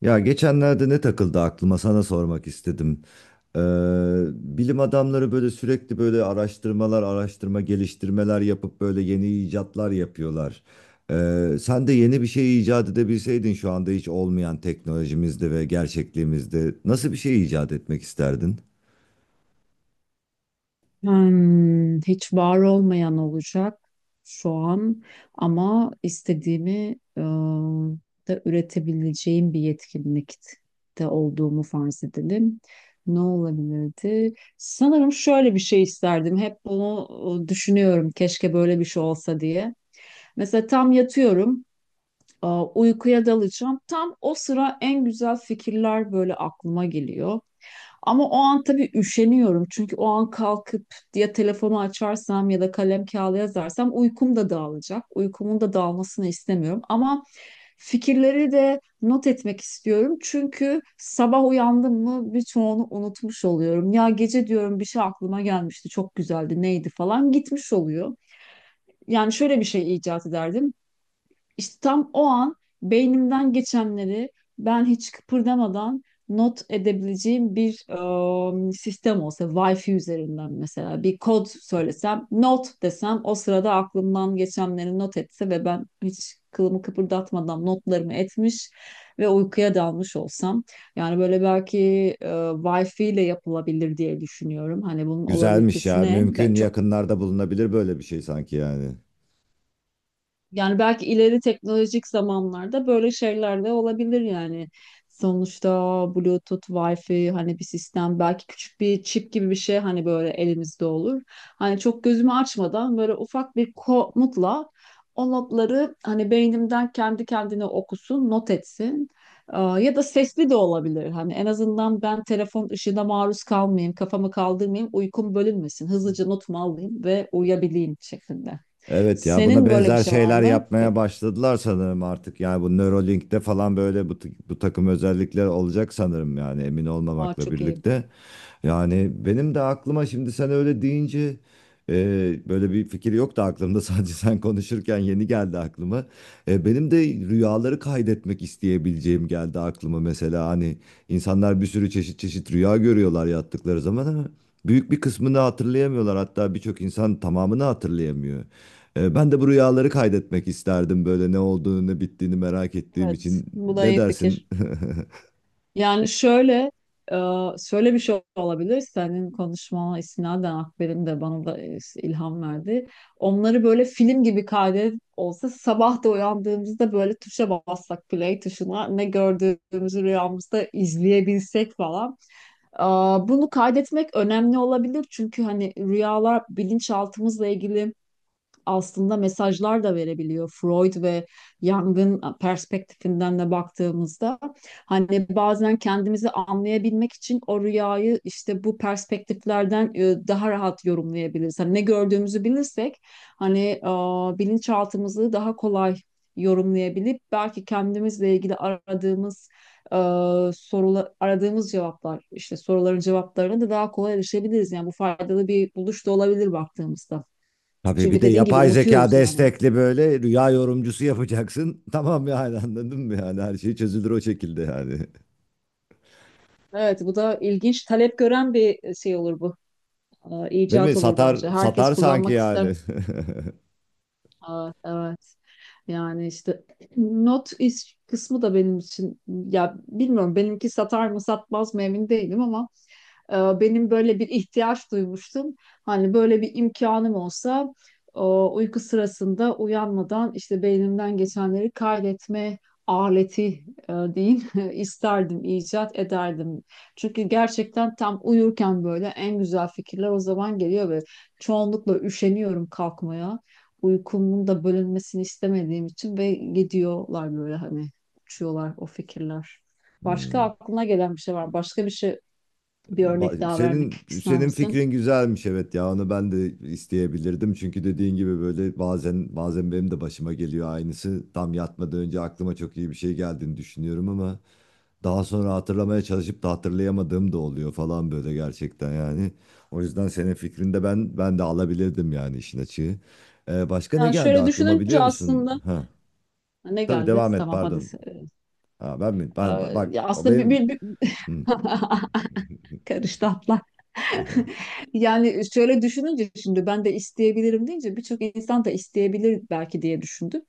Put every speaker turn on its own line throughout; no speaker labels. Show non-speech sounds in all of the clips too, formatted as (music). Ya geçenlerde ne takıldı aklıma sana sormak istedim. Ee, Bilim adamları böyle sürekli böyle araştırmalar, araştırma geliştirmeler yapıp böyle yeni icatlar yapıyorlar. Sen de yeni bir şey icat edebilseydin şu anda hiç olmayan teknolojimizde ve gerçekliğimizde nasıl bir şey icat etmek isterdin?
Hiç var olmayan olacak şu an, ama istediğimi e, da üretebileceğim bir yetkinlikte olduğumu farz edelim. Ne olabilirdi? Sanırım şöyle bir şey isterdim. Hep bunu düşünüyorum. Keşke böyle bir şey olsa diye. Mesela tam yatıyorum, uykuya dalacağım. Tam o sıra en güzel fikirler böyle aklıma geliyor. Ama o an tabii üşeniyorum. Çünkü o an kalkıp ya telefonu açarsam ya da kalem kağıda yazarsam uykum da dağılacak. Uykumun da dağılmasını istemiyorum. Ama fikirleri de not etmek istiyorum. Çünkü sabah uyandım mı birçoğunu unutmuş oluyorum. Ya gece diyorum bir şey aklıma gelmişti, çok güzeldi, neydi falan gitmiş oluyor. Yani şöyle bir şey icat ederdim. İşte tam o an beynimden geçenleri ben hiç kıpırdamadan not edebileceğim bir sistem olsa, Wi-Fi üzerinden mesela bir kod söylesem, not desem o sırada aklımdan geçenleri not etse ve ben hiç kılımı kıpırdatmadan notlarımı etmiş ve uykuya dalmış olsam. Yani böyle belki Wi-Fi ile yapılabilir diye düşünüyorum. Hani bunun
Güzelmiş
olabilitesi
ya.
ne?
Mümkün yakınlarda bulunabilir böyle bir şey sanki yani.
Yani belki ileri teknolojik zamanlarda böyle şeyler de olabilir yani. Sonuçta Bluetooth, Wi-Fi hani bir sistem belki küçük bir çip gibi bir şey hani böyle elimizde olur. Hani çok gözümü açmadan böyle ufak bir komutla o notları hani beynimden kendi kendine okusun, not etsin. Aa, ya da sesli de olabilir. Hani en azından ben telefon ışığına maruz kalmayayım, kafamı kaldırmayayım, uykum bölünmesin. Hızlıca notumu alayım ve uyuyabileyim şeklinde.
Evet ya, buna
Senin böyle bir
benzer
şey var
şeyler
mı? Bak,
yapmaya başladılar sanırım artık. Yani bu Neuralink'te falan böyle bu takım özellikler olacak sanırım yani, emin
aa,
olmamakla
çok iyi.
birlikte. Yani benim de aklıma şimdi sen öyle deyince böyle bir fikir yoktu aklımda (laughs) sadece sen konuşurken yeni geldi aklıma. Benim de rüyaları kaydetmek isteyebileceğim geldi aklıma, mesela hani insanlar bir sürü çeşit çeşit rüya görüyorlar yattıkları zaman ama büyük bir kısmını hatırlayamıyorlar, hatta birçok insan tamamını hatırlayamıyor. Ben de bu rüyaları kaydetmek isterdim, böyle ne olduğunu ne bittiğini merak ettiğim
Evet,
için.
bu da
Ne
iyi
dersin?
fikir.
(laughs)
Yani şöyle, e, şöyle bir şey olabilir. Senin konuşmana istinaden Akber'in de bana da ilham verdi. Onları böyle film gibi kaydet olsa sabah da uyandığımızda böyle tuşa bassak play tuşuna ne gördüğümüzü rüyamızda izleyebilsek falan. Aa, bunu kaydetmek önemli olabilir çünkü hani rüyalar bilinçaltımızla ilgili aslında mesajlar da verebiliyor. Freud ve Jung'ın perspektifinden de baktığımızda hani bazen kendimizi anlayabilmek için o rüyayı işte bu perspektiflerden daha rahat yorumlayabiliriz. Hani ne gördüğümüzü bilirsek hani bilinçaltımızı daha kolay yorumlayabilip belki kendimizle ilgili aradığımız e, sorular aradığımız cevaplar işte soruların cevaplarına da daha kolay erişebiliriz. Yani bu faydalı bir buluş da olabilir baktığımızda.
Tabii bir
Çünkü
de
dediğin gibi
yapay zeka
unutuyoruz yani.
destekli böyle rüya yorumcusu yapacaksın. (laughs) Tamam, yani anladın mı, yani her şey çözülür o şekilde yani.
Evet, bu da ilginç. Talep gören bir şey olur bu.
Değil mi?
İcat olur
Satar
bence. Herkes
satar sanki
kullanmak ister.
yani. (laughs)
Evet, evet. Yani işte not is kısmı da benim için ya bilmiyorum benimki satar mı satmaz mı emin değilim ama benim böyle bir ihtiyaç duymuştum. Hani böyle bir imkanım olsa o uyku sırasında uyanmadan işte beynimden geçenleri kaydetme aleti diyeyim (laughs) isterdim, icat ederdim. Çünkü gerçekten tam uyurken böyle en güzel fikirler o zaman geliyor ve çoğunlukla üşeniyorum kalkmaya. Uykumun da bölünmesini istemediğim için ve gidiyorlar böyle hani uçuyorlar o fikirler. Başka
Hmm.
aklına gelen bir şey var. Başka bir şey Bir örnek daha vermek
Senin
ister
senin
misin?
fikrin güzelmiş, evet ya, onu ben de isteyebilirdim çünkü dediğin gibi böyle bazen benim de başıma geliyor aynısı, tam yatmadan önce aklıma çok iyi bir şey geldiğini düşünüyorum ama daha sonra hatırlamaya çalışıp da hatırlayamadığım da oluyor falan, böyle gerçekten yani. O yüzden senin fikrinde ben de alabilirdim yani, işin açığı. Başka ne
Yani
geldi
şöyle
aklıma,
düşününce
biliyor musun?
aslında
Ha,
ne
tabii,
geldi?
devam et,
Tamam hadi.
pardon.
Ee,
Ha, ben mi?
e,
Ben
ya
bak, o
aslında bir,
benim.
bir, bir...
Hı.
(laughs) karıştı atlar.
(laughs)
(laughs) Yani şöyle düşününce şimdi ben de isteyebilirim deyince birçok insan da isteyebilir belki diye düşündüm.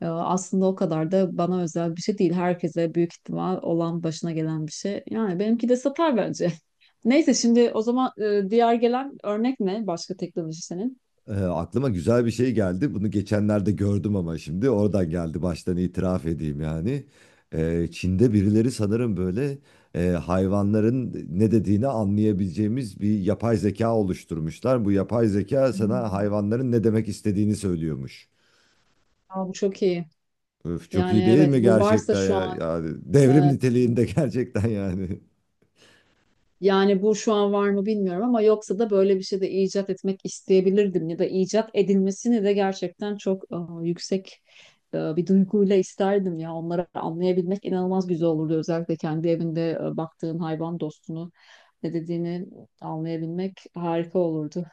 Aslında o kadar da bana özel bir şey değil. Herkese büyük ihtimal olan başına gelen bir şey. Yani benimki de satar bence. (laughs) Neyse şimdi o zaman diğer gelen örnek ne? Başka teknoloji senin.
Aklıma güzel bir şey geldi. Bunu geçenlerde gördüm ama şimdi oradan geldi. Baştan itiraf edeyim yani. Çin'de birileri sanırım böyle hayvanların ne dediğini anlayabileceğimiz bir yapay zeka oluşturmuşlar. Bu yapay zeka sana
Hmm.
hayvanların ne demek istediğini söylüyormuş.
Aa, bu çok iyi.
Öf, çok
Yani
iyi değil
evet
mi
bu varsa
gerçekten
şu
ya?
an,
Yani devrim
evet,
niteliğinde (laughs) gerçekten yani.
yani bu şu an var mı bilmiyorum ama yoksa da böyle bir şey de icat etmek isteyebilirdim ya da icat edilmesini de gerçekten çok yüksek bir duyguyla isterdim ya, onları anlayabilmek inanılmaz güzel olurdu, özellikle kendi evinde baktığın hayvan dostunu ne dediğini anlayabilmek harika olurdu.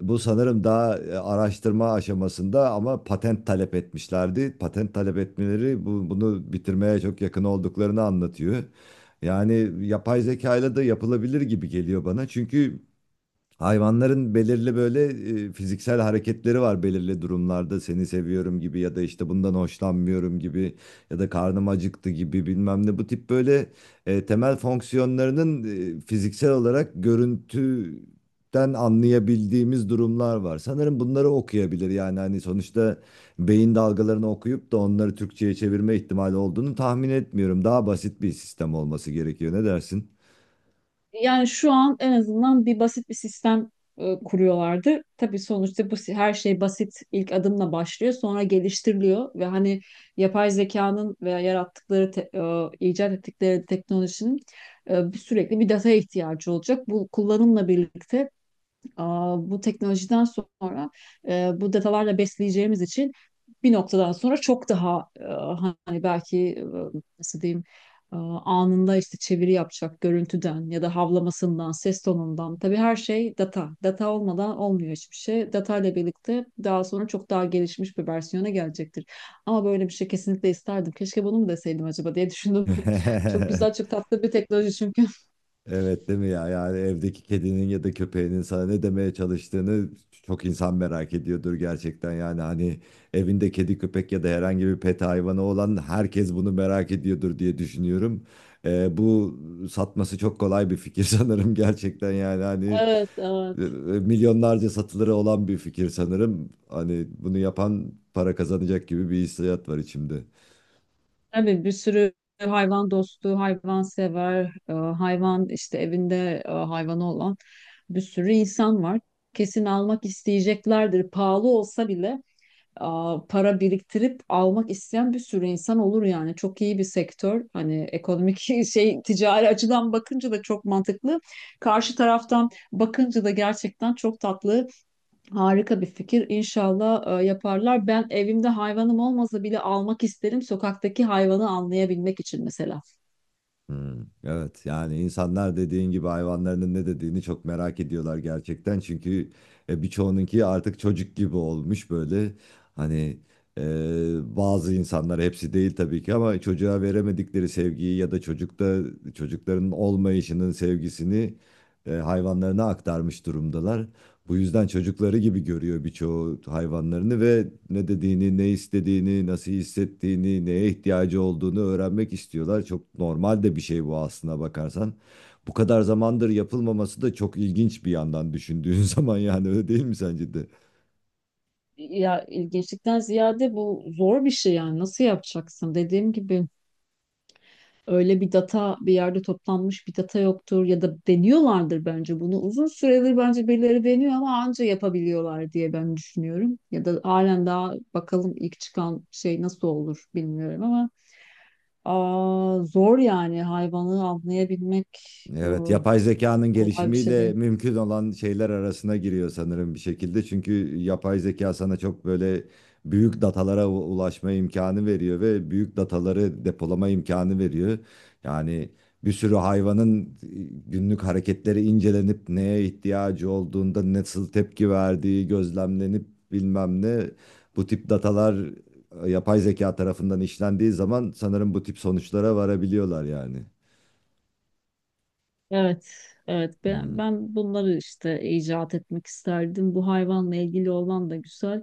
Bu sanırım daha araştırma aşamasında ama patent talep etmişlerdi. Patent talep etmeleri bunu bitirmeye çok yakın olduklarını anlatıyor. Yani yapay zeka ile de yapılabilir gibi geliyor bana. Çünkü hayvanların belirli böyle fiziksel hareketleri var belirli durumlarda, seni seviyorum gibi, ya da işte bundan hoşlanmıyorum gibi, ya da karnım acıktı gibi, bilmem ne, bu tip böyle temel fonksiyonlarının fiziksel olarak görüntüden anlayabildiğimiz durumlar var. Sanırım bunları okuyabilir, yani hani sonuçta beyin dalgalarını okuyup da onları Türkçe'ye çevirme ihtimali olduğunu tahmin etmiyorum. Daha basit bir sistem olması gerekiyor, ne dersin?
Yani şu an en azından bir basit bir sistem kuruyorlardı. Tabii sonuçta her şey basit ilk adımla başlıyor, sonra geliştiriliyor ve hani yapay zekanın veya icat ettikleri teknolojinin sürekli bir data ihtiyacı olacak. Bu kullanımla birlikte, aa, bu teknolojiden sonra bu datalarla besleyeceğimiz için bir noktadan sonra çok daha hani belki nasıl diyeyim anında işte çeviri yapacak görüntüden ya da havlamasından, ses tonundan. Tabii her şey data. Data olmadan olmuyor hiçbir şey. Data ile birlikte daha sonra çok daha gelişmiş bir versiyona gelecektir. Ama böyle bir şey kesinlikle isterdim. Keşke bunu mu deseydim acaba diye düşündüm. (laughs) Çok güzel,
(laughs)
çok tatlı bir teknoloji çünkü. (laughs)
Evet değil mi ya? Yani evdeki kedinin ya da köpeğinin sana ne demeye çalıştığını çok insan merak ediyordur gerçekten. Yani hani evinde kedi köpek ya da herhangi bir pet hayvanı olan herkes bunu merak ediyordur diye düşünüyorum. Bu satması çok kolay bir fikir (laughs) sanırım gerçekten, yani hani
Evet,
e, e,
evet.
milyonlarca satılırı olan bir fikir sanırım. Hani bunu yapan para kazanacak gibi bir hissiyat var içimde.
Tabii bir sürü hayvan dostu, hayvan sever, hayvan işte evinde hayvanı olan bir sürü insan var. Kesin almak isteyeceklerdir. Pahalı olsa bile e, para biriktirip almak isteyen bir sürü insan olur yani. Çok iyi bir sektör. Hani ekonomik (laughs) şey, ticari açıdan bakınca da çok mantıklı. Karşı taraftan bakınca da gerçekten çok tatlı. Harika bir fikir. İnşallah yaparlar. Ben evimde hayvanım olmasa bile almak isterim. Sokaktaki hayvanı anlayabilmek için mesela.
Hmm, evet yani insanlar dediğin gibi hayvanlarının ne dediğini çok merak ediyorlar gerçekten. Çünkü birçoğununki artık çocuk gibi olmuş böyle. Hani e, bazı insanlar, hepsi değil tabii ki, ama çocuğa veremedikleri sevgiyi ya da çocukların olmayışının sevgisini hayvanlarına aktarmış durumdalar. Bu yüzden çocukları gibi görüyor birçoğu hayvanlarını ve ne dediğini, ne istediğini, nasıl hissettiğini, neye ihtiyacı olduğunu öğrenmek istiyorlar. Çok normal de bir şey bu, aslına bakarsan. Bu kadar zamandır yapılmaması da çok ilginç bir yandan, düşündüğün (laughs) zaman yani, öyle değil mi sence de?
Ya ilginçlikten ziyade bu zor bir şey yani. Nasıl yapacaksın? Dediğim gibi öyle bir data, bir yerde toplanmış bir data yoktur ya da deniyorlardır bence bunu. Uzun süredir bence birileri deniyor ama anca yapabiliyorlar diye ben düşünüyorum. Ya da halen daha bakalım, ilk çıkan şey nasıl olur bilmiyorum ama, zor yani, hayvanı avlayabilmek
Evet,
ıı,
yapay zekanın
kolay bir şey
gelişimiyle
değil.
mümkün olan şeyler arasına giriyor sanırım bir şekilde. Çünkü yapay zeka sana çok böyle büyük datalara ulaşma imkanı veriyor ve büyük dataları depolama imkanı veriyor. Yani bir sürü hayvanın günlük hareketleri incelenip neye ihtiyacı olduğunda nasıl tepki verdiği gözlemlenip, bilmem ne, bu tip datalar yapay zeka tarafından işlendiği zaman sanırım bu tip sonuçlara varabiliyorlar yani.
Evet, evet. Ben,
Hmm.
ben bunları işte icat etmek isterdim. Bu hayvanla ilgili olan da güzel.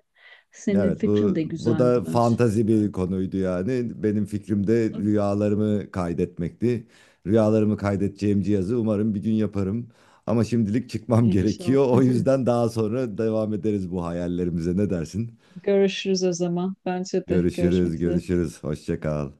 Senin
Evet,
fikrin
bu
de
bu
güzeldi
da
bence.
fantazi bir
Evet.
konuydu yani. Benim fikrim de rüyalarımı kaydetmekti. Rüyalarımı kaydedeceğim cihazı umarım bir gün yaparım. Ama şimdilik çıkmam (laughs)
İnşallah.
gerekiyor. O yüzden daha sonra devam ederiz bu hayallerimize. Ne dersin?
Görüşürüz o zaman. Bence de
Görüşürüz,
görüşmek üzere.
görüşürüz. Hoşça kal.